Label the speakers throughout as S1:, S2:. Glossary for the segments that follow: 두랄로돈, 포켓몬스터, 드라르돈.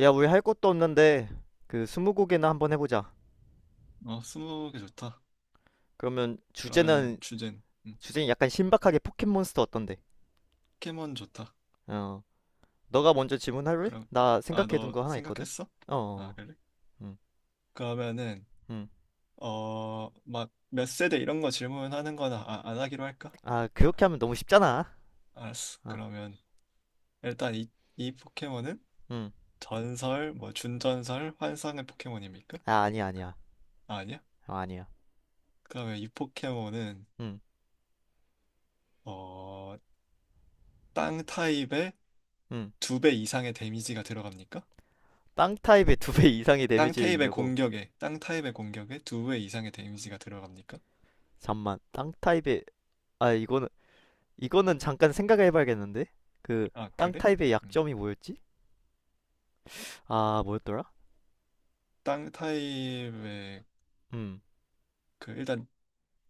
S1: 야, 우리 할 것도 없는데 그 스무고개나 한번 해보자.
S2: 어, 스무 개 좋다.
S1: 그러면
S2: 그러면은
S1: 주제는
S2: 주제는
S1: 주제는 약간 신박하게 포켓몬스터 어떤데?
S2: 포켓몬 좋다.
S1: 어, 너가 먼저 질문할래?
S2: 그럼
S1: 나
S2: 아,
S1: 생각해둔
S2: 너
S1: 거 하나 있거든.
S2: 생각했어?
S1: 어, 어,
S2: 아,
S1: 어.
S2: 그래?
S1: 음,
S2: 그러면은
S1: 음.
S2: 막 몇 세대 이런 거 질문하는 거나 안 하기로 할까?
S1: 아, 그렇게 하면 너무 쉽잖아.
S2: 알았어.
S1: 어,
S2: 그러면 일단 이 포켓몬은
S1: 음.
S2: 전설, 뭐 준전설, 환상의 포켓몬입니까?
S1: 아, 아니야, 아니야.
S2: 아, 아니야?
S1: 어, 아니야.
S2: 그러면 이 포켓몬은
S1: 음,
S2: 어, 땅 타입의
S1: 음.
S2: 두 배 이상의 데미지가 들어갑니까?
S1: 땅 타입의 두 배 이상의 데미지를 입냐고?
S2: 땅 타입의 공격에 두 배 이상의 데미지가 들어갑니까?
S1: 잠만. 땅 타입의 아, 이거는 이거는 잠깐 생각해봐야겠는데? 그
S2: 아,
S1: 땅
S2: 그래?
S1: 타입의
S2: 음,
S1: 약점이 뭐였지? 아, 뭐였더라?
S2: 땅 타입의
S1: 음,
S2: 그 일단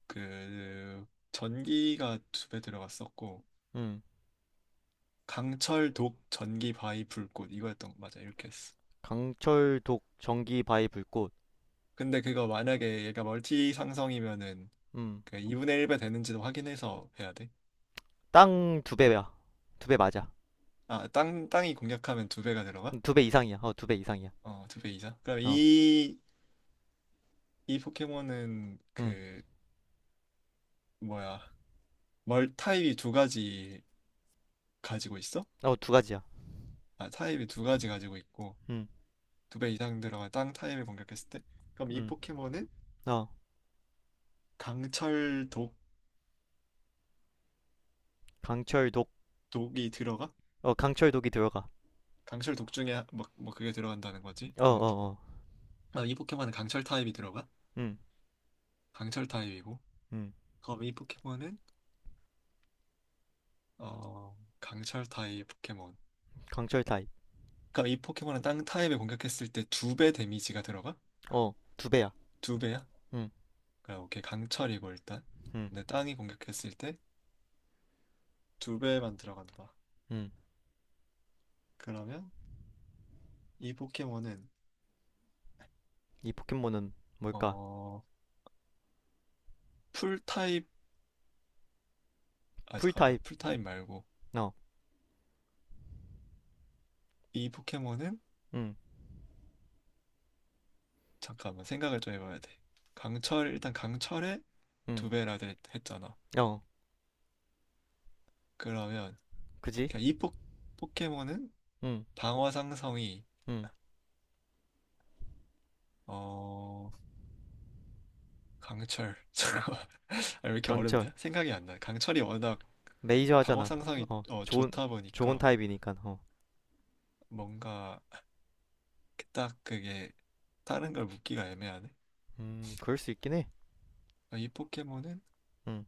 S2: 그 전기가 두 배 들어갔었고
S1: 음.
S2: 강철 독 전기 바위 불꽃 이거였던 거 맞아 이렇게 했어.
S1: 강철독 전기 바위 불꽃.
S2: 근데 그거 만약에 얘가 멀티 상성이면은
S1: 음.
S2: 그 2분의 1배 되는지도 확인해서 해야 돼.
S1: 땅 두 배야. 두 배 맞아.
S2: 아, 땅 땅이 공략하면 두 배가 들어가?
S1: 두배 이상이야. 어, 두 배 이상이야.
S2: 어, 두 배 이상. 그럼
S1: 어.
S2: 이 포켓몬은
S1: 음.
S2: 그 뭐야? 멀 타입이 두 가지 가지고 있어?
S1: 어, 두 가지야.
S2: 아, 타입이 두 가지 가지고 있고
S1: 음.
S2: 두 배 이상 들어가 땅 타입을 공격했을 때 그럼 이
S1: 음.
S2: 포켓몬은
S1: 어.
S2: 강철 독
S1: 강철독.
S2: 독이 들어가?
S1: 어, 강철독이 들어가.
S2: 강철 독 중에 뭐 그게 들어간다는 거지.
S1: 어,
S2: 음.
S1: 어, 어.
S2: 아, 이 포켓몬은 강철 타입이 들어가?
S1: 음.
S2: 강철 타입이고
S1: 음.
S2: 그럼 이 포켓몬은 어 강철 타입 포켓몬.
S1: 강철 타입.
S2: 그럼 이 포켓몬은 땅 타입을 공격했을 때 두 배 데미지가 들어가?
S1: 어, 두 배야.
S2: 두 배야?
S1: 음.
S2: 그럼 오케이 강철이고 일단
S1: 음.
S2: 근데 땅이 공격했을 때 두 배만 들어간다.
S1: 음.
S2: 그러면 이 포켓몬은
S1: 이 포켓몬은 뭘까?
S2: 어 풀타입 아
S1: 풀
S2: 잠깐
S1: 타입.
S2: 풀타입 말고
S1: 어.
S2: 이 포켓몬은
S1: 음.
S2: 잠깐만 생각을 좀 해봐야 돼. 강철 일단 강철의
S1: 음.
S2: 했잖아.
S1: 어.
S2: 그러면
S1: 그지?
S2: 그냥 포켓몬은
S1: 음.
S2: 방어 상성이
S1: 음.
S2: 어 강철 잠깐만 아, 왜 이렇게
S1: 강철.
S2: 어렵냐? 생각이 안 나. 강철이 워낙
S1: 메이저
S2: 방어
S1: 하잖아.
S2: 상성이
S1: 어.
S2: 어,
S1: 좋은
S2: 좋다
S1: 좋은
S2: 보니까
S1: 타입이니까. 어.
S2: 뭔가 딱 그게 다른 걸 묻기가 애매하네.
S1: 그럴 수 있긴 해.
S2: 아, 이 포켓몬은
S1: 음.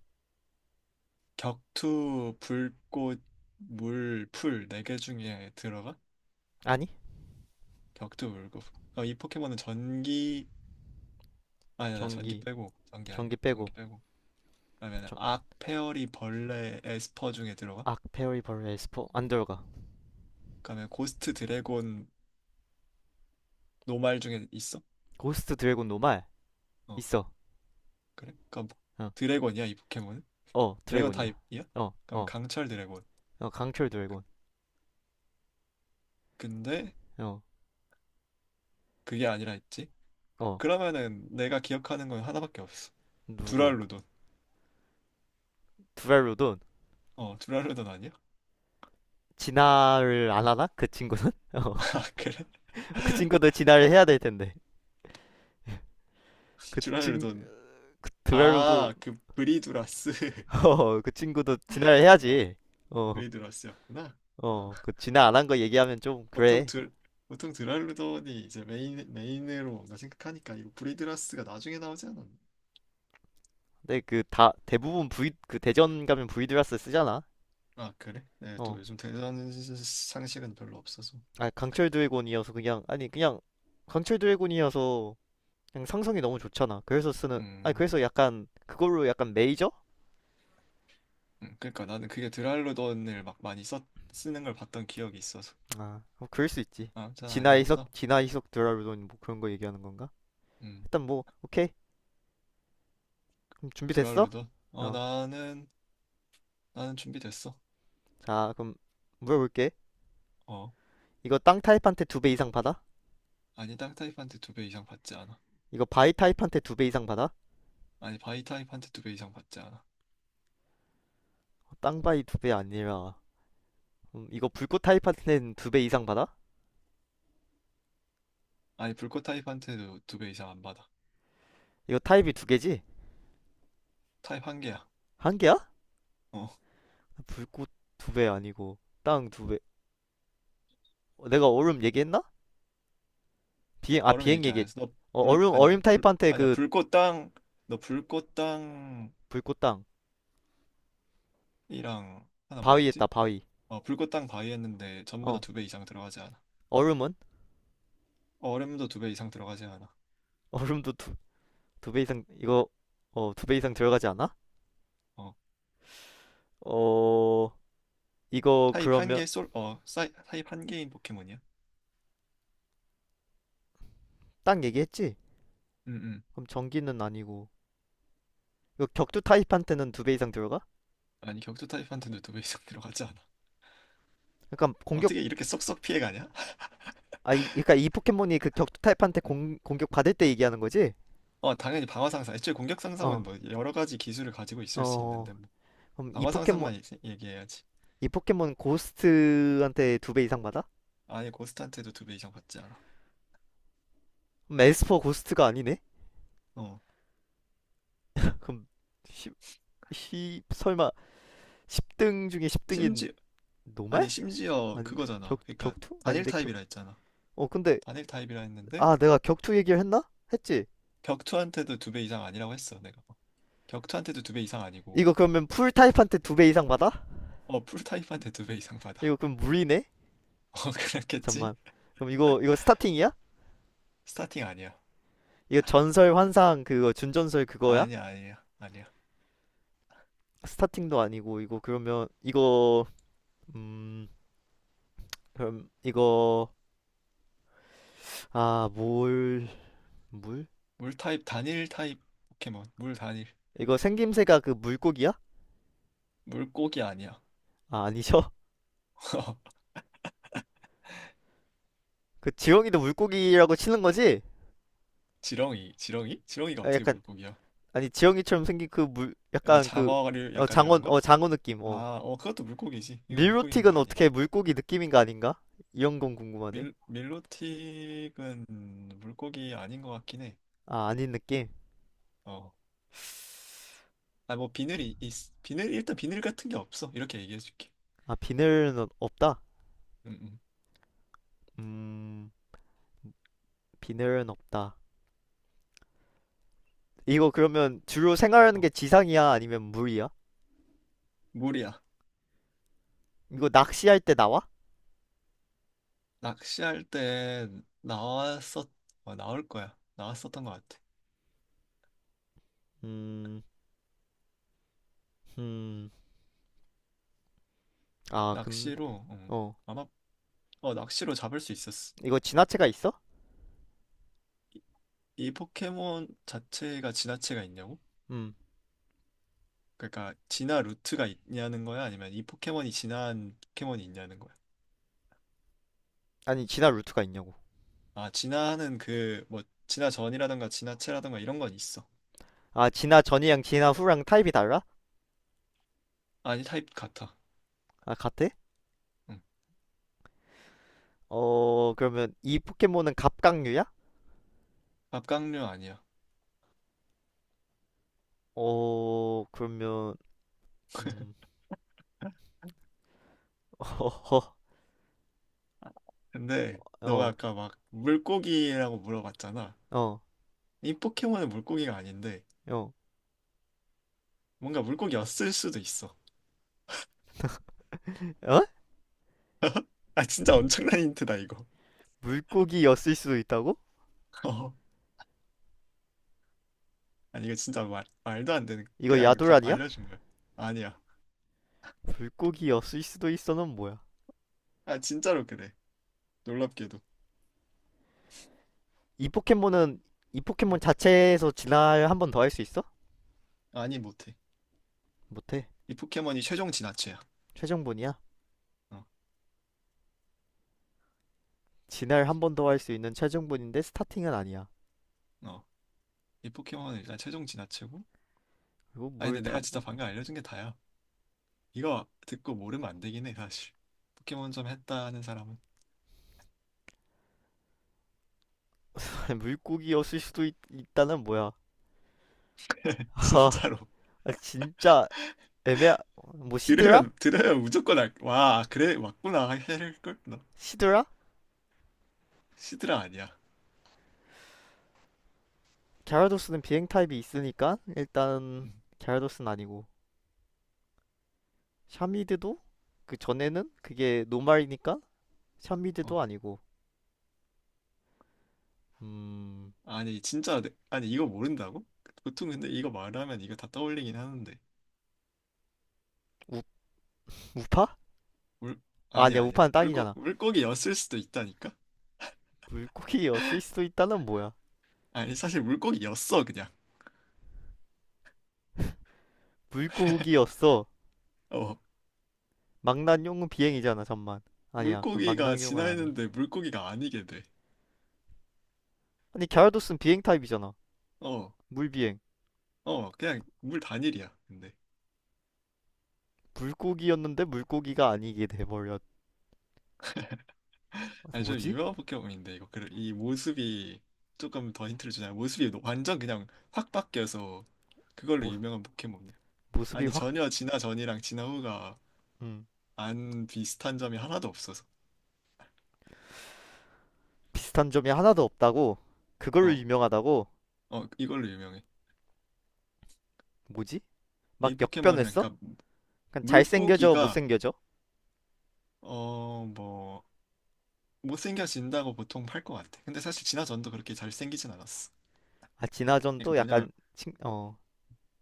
S2: 격투 불꽃 물 풀 네 개 중에 들어가?
S1: 아니
S2: 격투 울고 급 어, 이 포켓몬은 전기 아니야 나 전기
S1: 전기
S2: 빼고 전기 아니야
S1: 전기 빼고
S2: 전기 빼고. 그러면
S1: 저,
S2: 악, 페어리, 벌레, 에스퍼 중에 들어가?
S1: 악페어리벌 에스포 안 들어가.
S2: 그러면 고스트 드래곤, 노말 중에 있어?
S1: 고스트 드래곤 노말
S2: 어
S1: 있어.
S2: 그래? 그럼
S1: 어,
S2: 드래곤이야 이 포켓몬은?
S1: 어
S2: 드래곤
S1: 드래곤이야.
S2: 타입이야?
S1: 어어
S2: 그럼
S1: 어,
S2: 강철 드래곤.
S1: 어, 강철 드래곤.
S2: 근데
S1: 어어
S2: 그게 아니라 했지?
S1: 어,
S2: 그러면은 내가 기억하는 건 하나밖에 없어.
S1: 누구
S2: 두랄루돈.
S1: 두랄로돈.
S2: 어 두랄루돈 아니야?
S1: 진화를 안 하나 그 친구는 어그
S2: 아 그래?
S1: 친구도 진화를
S2: 어?
S1: 해야 될 텐데. 그 친
S2: 두랄루돈.
S1: 그 드랄로도
S2: 아 그 브리두라스.
S1: 어그 친구도 진화를
S2: 어.
S1: 해야지.
S2: 브리드러스였구나. 아,
S1: 어어그 진화 안한 거 얘기하면 좀
S2: 보통
S1: 그래.
S2: 드 보통 드랄루돈이 이제 메인으로 뭔가 생각하니까 이거 브리드라스가 나중에 나오지 않았나?
S1: 근데 그 다 대부분 V 그 대전 가면 이 드라스 쓰잖아.
S2: 아 그래? 네, 또
S1: 어.
S2: 요즘 대단한 상식은 별로 없어서.
S1: 아 강철 드래곤이어서 그냥 아니 그냥 강철 드래곤이어서 그냥 상성이 너무 좋잖아. 그래서 쓰는 아니
S2: 음,
S1: 그래서 약간 그걸로 약간 메이저?
S2: 그러니까 나는 그게 드랄루돈을 막 많이 써 쓰는 걸 봤던 기억이 있어서.
S1: 아 뭐 그럴 수 있지.
S2: 아, 전
S1: 진화 이석
S2: 아니었다.
S1: 진화 이석 드라르돈 뭐 그런 거 얘기하는 건가?
S2: 음,
S1: 일단 뭐 오케이 그럼 준비됐어?
S2: 드랄루돈. 어,
S1: 어.
S2: 나는 준비됐어.
S1: 자 그럼 물어볼게.
S2: 어,
S1: 이거 땅 타입한테 두 배 이상 받아?
S2: 아니 땅 타입한테 두 배 이상 받지 않아.
S1: 이거 바위 타입한테 두 배 이상 받아? 어,
S2: 아니 바위 타입한테 두 배 이상 받지 않아.
S1: 땅 바위 두 배 아니라 이거 불꽃 타입한테는 두 배 이상 받아?
S2: 아니 불꽃 타입한테도 두 배 이상 안 받아.
S1: 이거 타입이 두 개지?
S2: 타입 한 개야.
S1: 한 개야?
S2: 어,
S1: 불꽃 두 배 아니고 땅 두 배. 어, 내가 얼음 얘기했나? 비행 아
S2: 얼음
S1: 비행
S2: 얘기 안
S1: 얘기.
S2: 했어. 너
S1: 어,
S2: 불,
S1: 얼음
S2: 아니야,
S1: 얼음
S2: 아니, 불,
S1: 타입한테
S2: 아니야,
S1: 그
S2: 불꽃땅 너 불꽃땅
S1: 불꽃 땅
S2: 이랑 하나
S1: 바위 했다
S2: 뭐였지?
S1: 바위.
S2: 어, 불꽃땅 바이 했는데 전부 다
S1: 어
S2: 두 배 이상 들어가지 않아.
S1: 얼음은
S2: 어, 얼음도 두 배 이상 들어가지 않아.
S1: 얼음도 두 두 배 이상 이거 어 두 배 이상 들어가지 않아?
S2: 어,
S1: 어 이거
S2: 타입 한
S1: 그러면
S2: 개 솔, 어, 사이, 타입 한 개인 포켓몬이야.
S1: 땅 얘기했지?
S2: 응.
S1: 그럼 전기는 아니고 이거 격투 타입한테는 두 배 이상 들어가?
S2: 아니, 격투 타입한테도 두 배 이상 들어가지 않아.
S1: 그러니까 공격
S2: 어떻게 이렇게 쏙쏙 피해가냐?
S1: 아 이, 그러니까 이 포켓몬이 그 격투 타입한테
S2: 음.
S1: 공 공격 받을 때 얘기하는 거지?
S2: 어, 당연히 방어 상상. 애초에 공격 상상은
S1: 어.
S2: 뭐 여러 가지 기술을 가지고 있을 수
S1: 어.
S2: 있는데 뭐
S1: 그럼 이
S2: 방어
S1: 포켓몬
S2: 상상만 얘기해야지.
S1: 이 포켓몬 고스트한테 두 배 이상 받아?
S2: 아예 고스트한테도 두 배 이상 받지 않아.
S1: 그럼 에스퍼 고스트가 아니네?
S2: 어.
S1: 그럼 10, 10 설마 10등 중에 10등인
S2: 심지
S1: 노말?
S2: 아니 심지어
S1: 아닌가? 격
S2: 그거잖아. 그러니까
S1: 격투?
S2: 단일
S1: 아닌데 격.
S2: 타입이라 했잖아.
S1: 어 근데
S2: 단일 타입이라 했는데
S1: 아 내가 격투 얘기를 했나? 했지.
S2: 격투한테도 두 배 이상 아니라고 했어 내가. 격투한테도 두 배 이상 아니고
S1: 이거 그러면 풀 타입한테 두 배 이상 받아?
S2: 어 풀타입한테 두 배 이상
S1: 이거
S2: 받아.
S1: 그럼 물이네.
S2: 어 그랬겠지.
S1: 잠만. 그럼 이거 이거 스타팅이야?
S2: 스타팅 아니야.
S1: 이거 전설 환상 그거 준전설 그거야?
S2: 아니야 아니야 아니야.
S1: 스타팅도 아니고 이거 그러면 이거 음 그럼 이거 아뭘 물?
S2: 물타입 단일 타입 포켓몬 물 단일
S1: 이거 생김새가 그 물고기야?
S2: 물고기 아니야.
S1: 아 아니죠? 그 지영이도 물고기라고 치는 거지?
S2: 지렁이 지렁이? 지렁이가
S1: 아,
S2: 어떻게
S1: 약간
S2: 물고기야?
S1: 아니 지영이처럼 생긴 그 물
S2: 뭐
S1: 약간 그
S2: 장어류
S1: 어,
S2: 약간 이런
S1: 장어
S2: 거?
S1: 어 장어 느낌 어.
S2: 아, 어 그것도 물고기지. 이거 물고기 근데
S1: 밀로틱은
S2: 아니야.
S1: 어떻게 물고기 느낌인가 아닌가? 이런 건 궁금하네.
S2: 밀로틱은 물고기 아닌 것 같긴 해.
S1: 아 아닌 느낌.
S2: 어. 아, 뭐 비늘이 있, 비늘 일단 비늘 같은 게 없어. 이렇게 얘기해 줄게.
S1: 아 비늘은 없다.
S2: 음, 음.
S1: 음 비늘은 없다. 이거 그러면 주로 생활하는
S2: 어.
S1: 게 지상이야 아니면 물이야?
S2: 물이야.
S1: 이거 낚시할 때 나와?
S2: 낚시할 때 나왔었 어, 나올 거야. 나왔었던 것 같아.
S1: 음, 음, 아 근데
S2: 낚시로 어,
S1: 어.
S2: 아마 어 낚시로 잡을 수 있었어.
S1: 이거 진화체가 있어?
S2: 이 포켓몬 자체가 진화체가 있냐고?
S1: 음.
S2: 그러니까 진화 루트가 있냐는 거야? 아니면 이 포켓몬이 진화한 포켓몬이 있냐는 거야?
S1: 아니 진화 루트가 있냐고.
S2: 아, 진화하는 그 뭐 진화 전이라든가 진화체라든가 이런 건 있어.
S1: 아 진화 전이랑 진화 후랑 타입이 달라?
S2: 아니 타입 같아.
S1: 아 같아?
S2: 응.
S1: 어, 그러면 이 포켓몬은 갑각류야?
S2: 갑각류 아니야.
S1: 어, 그러면, 음, 어허,
S2: 근데 너가
S1: 어,
S2: 아까 막 물고기라고 물어봤잖아.
S1: 어,
S2: 이 포켓몬은 물고기가 아닌데
S1: 어,
S2: 뭔가 물고기였을 수도 있어.
S1: 어?
S2: 아 진짜 엄청난 힌트다 이거.
S1: 물고기였을 수도 있다고?
S2: 어. 아니 이거 진짜 말, 말도 안 되는
S1: 이거
S2: 그냥
S1: 야돌
S2: 답
S1: 아니야?
S2: 알려준 거야. 아니야.
S1: 물고기였을 수도 있어는 뭐야?
S2: 아 진짜로 그래. 놀랍게도.
S1: 이 포켓몬은, 이 포켓몬 자체에서 진화를 한 번 더 할 수 있어?
S2: 아니 못해.
S1: 못해.
S2: 이 포켓몬이 최종 진화체야.
S1: 최종본이야.
S2: 어.
S1: 진화를 한 번 더 할 수 있는 최종본인데 스타팅은 아니야.
S2: 어. 이 포켓몬은 일단 최종 진화체고.
S1: 그리고
S2: 아니
S1: 물
S2: 근데
S1: 다,
S2: 내가 진짜 방금 알려준 게 다야. 이거 듣고 모르면 안 되긴 해 사실. 포켓몬 좀 했다는 사람은
S1: 물고기였을 수도 있, 있다는 뭐야? 아,
S2: 진짜로.
S1: 진짜 애매하, 뭐 시드라?
S2: 들으면 들으면 무조건 알, 와 그래 맞구나 할걸 나.
S1: 시드라?
S2: 시드라 아니야.
S1: 갸라도스는 비행 타입이 있으니까 일단
S2: 음,
S1: 갸라도스는 아니고 샤미드도 그 전에는 그게 노말이니까
S2: 어
S1: 샤미드도 아니고 음
S2: 아니 아니 이거 모른다고 보통 근데 이거 말하면 이거 다 떠올리긴 하는데
S1: 우, 우파?
S2: 물
S1: 아, 아니야
S2: 아니야 아니야
S1: 우파는 땅이잖아.
S2: 물고기였을 수도 있다니까.
S1: 물고기였을 수도 있다는 뭐야.
S2: 아니 사실 물고기였어 그냥.
S1: 물고기였어.
S2: 어
S1: 망나뇽은 비행이잖아 잠만. 아니야 그럼
S2: 물고기가
S1: 망나뇽은 아니야.
S2: 진화했는데 물고기가 아니게
S1: 아니 갸라도스는 비행 타입이잖아.
S2: 돼어어
S1: 물비행.
S2: 그냥 물 단일이야 근데.
S1: 물고기였는데 물고기가 아니게 돼버렸.
S2: 아니 좀
S1: 뭐지?
S2: 유명한 포켓몬인데 이 모습이 조금 더 힌트를 주자면 모습이 완전 그냥 확 바뀌어서 그걸로
S1: 모,
S2: 유명한 포켓몬이야.
S1: 모습이
S2: 아니
S1: 확
S2: 전혀 진화 전이랑 진화 후가
S1: 음.
S2: 안 비슷한 점이 하나도 없어서
S1: 비슷한 점이 하나도 없다고. 그걸로
S2: 어,
S1: 유명하다고.
S2: 어 이걸로 유명해.
S1: 뭐지? 막
S2: 이 포켓몬은
S1: 역변했어?
S2: 그러니까
S1: 약간 잘생겨져
S2: 물고기가
S1: 못생겨져?
S2: 어 뭐 못생겨진다고 보통 팔 것 같아. 근데 사실 진화 전도 그렇게 잘생기진 않았어.
S1: 아
S2: 그러니까
S1: 진화전도
S2: 뭐냐면
S1: 약간 칭, 어.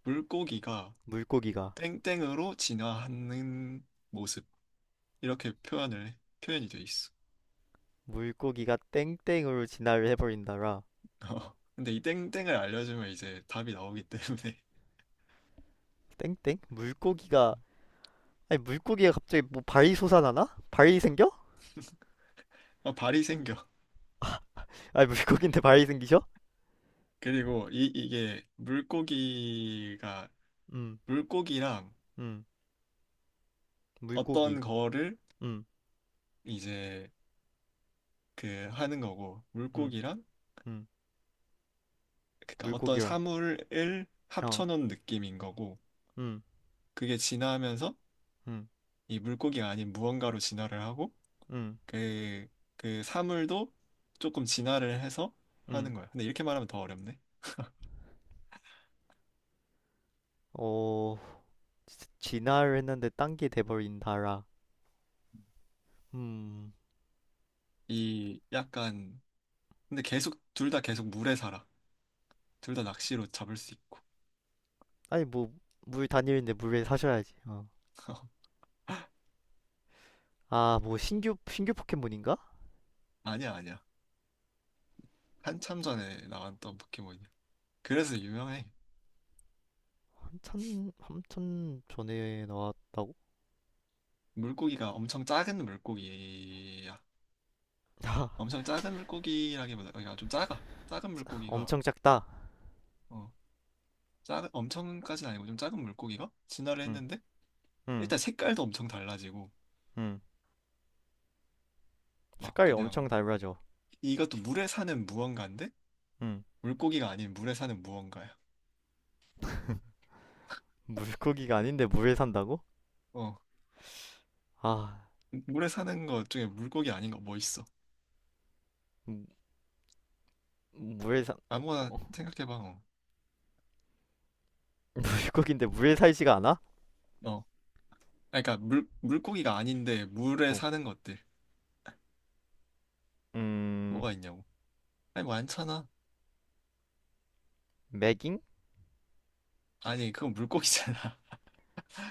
S2: 물고기가
S1: 물고기가
S2: 땡땡으로 진화하는 모습 이렇게 표현을 해. 표현이 돼 있어.
S1: 물고기가 땡땡으로 진화를 해버린다라.
S2: 어, 근데 이 땡땡을 알려주면 이제 답이 나오기 때문에.
S1: 땡땡? 물고기가 아니 물고기가 갑자기 뭐 발이 솟아나나? 발이 생겨?
S2: 어, 발이 생겨.
S1: 아니 물고기인데 발이 생기셔?
S2: 그리고 이게 물고기가
S1: 음,
S2: 물고기랑
S1: 음, 물고기,
S2: 어떤 거를
S1: 음,
S2: 이제 그 하는 거고
S1: 음,
S2: 물고기랑
S1: 음,
S2: 그러니까 어떤
S1: 물고기란,
S2: 사물을
S1: 어,
S2: 합쳐놓은 느낌인 거고
S1: 음,
S2: 그게 진화하면서
S1: 음,
S2: 이 물고기가 아닌 무언가로 진화를 하고
S1: 음,
S2: 그, 그 사물도 조금 진화를 해서 하는
S1: 음,
S2: 거야. 근데 이렇게 말하면 더 어렵네.
S1: 어, 진화를 했는데 딴 게 돼버린다라. 음.
S2: 이 약간 근데 계속 둘 다 계속 물에 살아. 둘 다 낚시로 잡을 수 있고.
S1: 아니 뭐 물 다니는데 물에 사셔야지. 어. 아, 뭐 신규 신규 포켓몬인가?
S2: 아니야, 아니야. 한참 전에 나왔던 포켓몬이야. 그래서 유명해.
S1: 한참 한참 전에 나왔.
S2: 물고기가 엄청 작은 물고기야. 엄청 작은 물고기라기보다, 그러니까 좀 작아. 작은 물고기가,
S1: 엄청 작다.
S2: 어, 작은, 엄청까지는 아니고 좀 작은 물고기가 진화를
S1: 응,
S2: 했는데,
S1: 응,
S2: 일단 색깔도 엄청 달라지고,
S1: 응.
S2: 막
S1: 색깔이 엄청
S2: 그냥,
S1: 달라져.
S2: 이것도 물에 사는 무언가인데,
S1: 응.
S2: 물고기가 아닌 물에 사는 무언가야.
S1: 물고기가 아닌데 물에 산다고?
S2: 어,
S1: 아,
S2: 물에 사는 것 중에 물고기 아닌 거 뭐 있어?
S1: 음... 물에 산
S2: 아무거나
S1: 어,
S2: 생각해봐. 어,
S1: 물고기인데 물에 살지가 않아?
S2: 어, 아니, 그러니까 물 물고기가 아닌데 물에
S1: 어.
S2: 사는 것들
S1: 음,
S2: 뭐가 있냐고. 아니 많잖아.
S1: 매깅?
S2: 아니 그건 물고기잖아.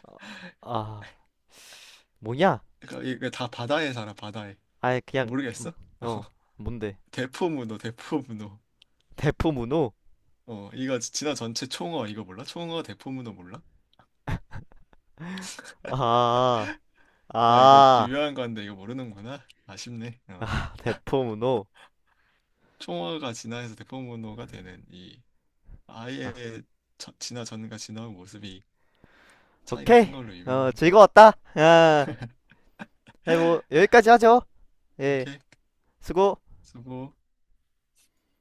S1: 아, 아, 뭐냐?
S2: 그러니까 이게 다 바다에 살아 바다에.
S1: 아니 그냥
S2: 모르겠어? 어,
S1: 어. 뭔데?
S2: 대포문어.
S1: 대포 문호.
S2: 어 이거 진화 전체 총어 이거 몰라? 총어 대포문어 몰라?
S1: 아,
S2: 아 이거
S1: 아,
S2: 유명한 건데 이거 모르는구나. 아쉽네. 어
S1: 아, 대포 문호.
S2: 총어가 진화해서 대포문어가 되는 이
S1: 아,
S2: 아예 저, 진화 전과 진화 후 모습이 차이가 큰
S1: 오케이.
S2: 걸로
S1: 어,
S2: 유명한.
S1: 즐거웠다. 아, 네, 뭐, 여기까지 하죠. 예,
S2: 오케이
S1: 수고.
S2: 수고.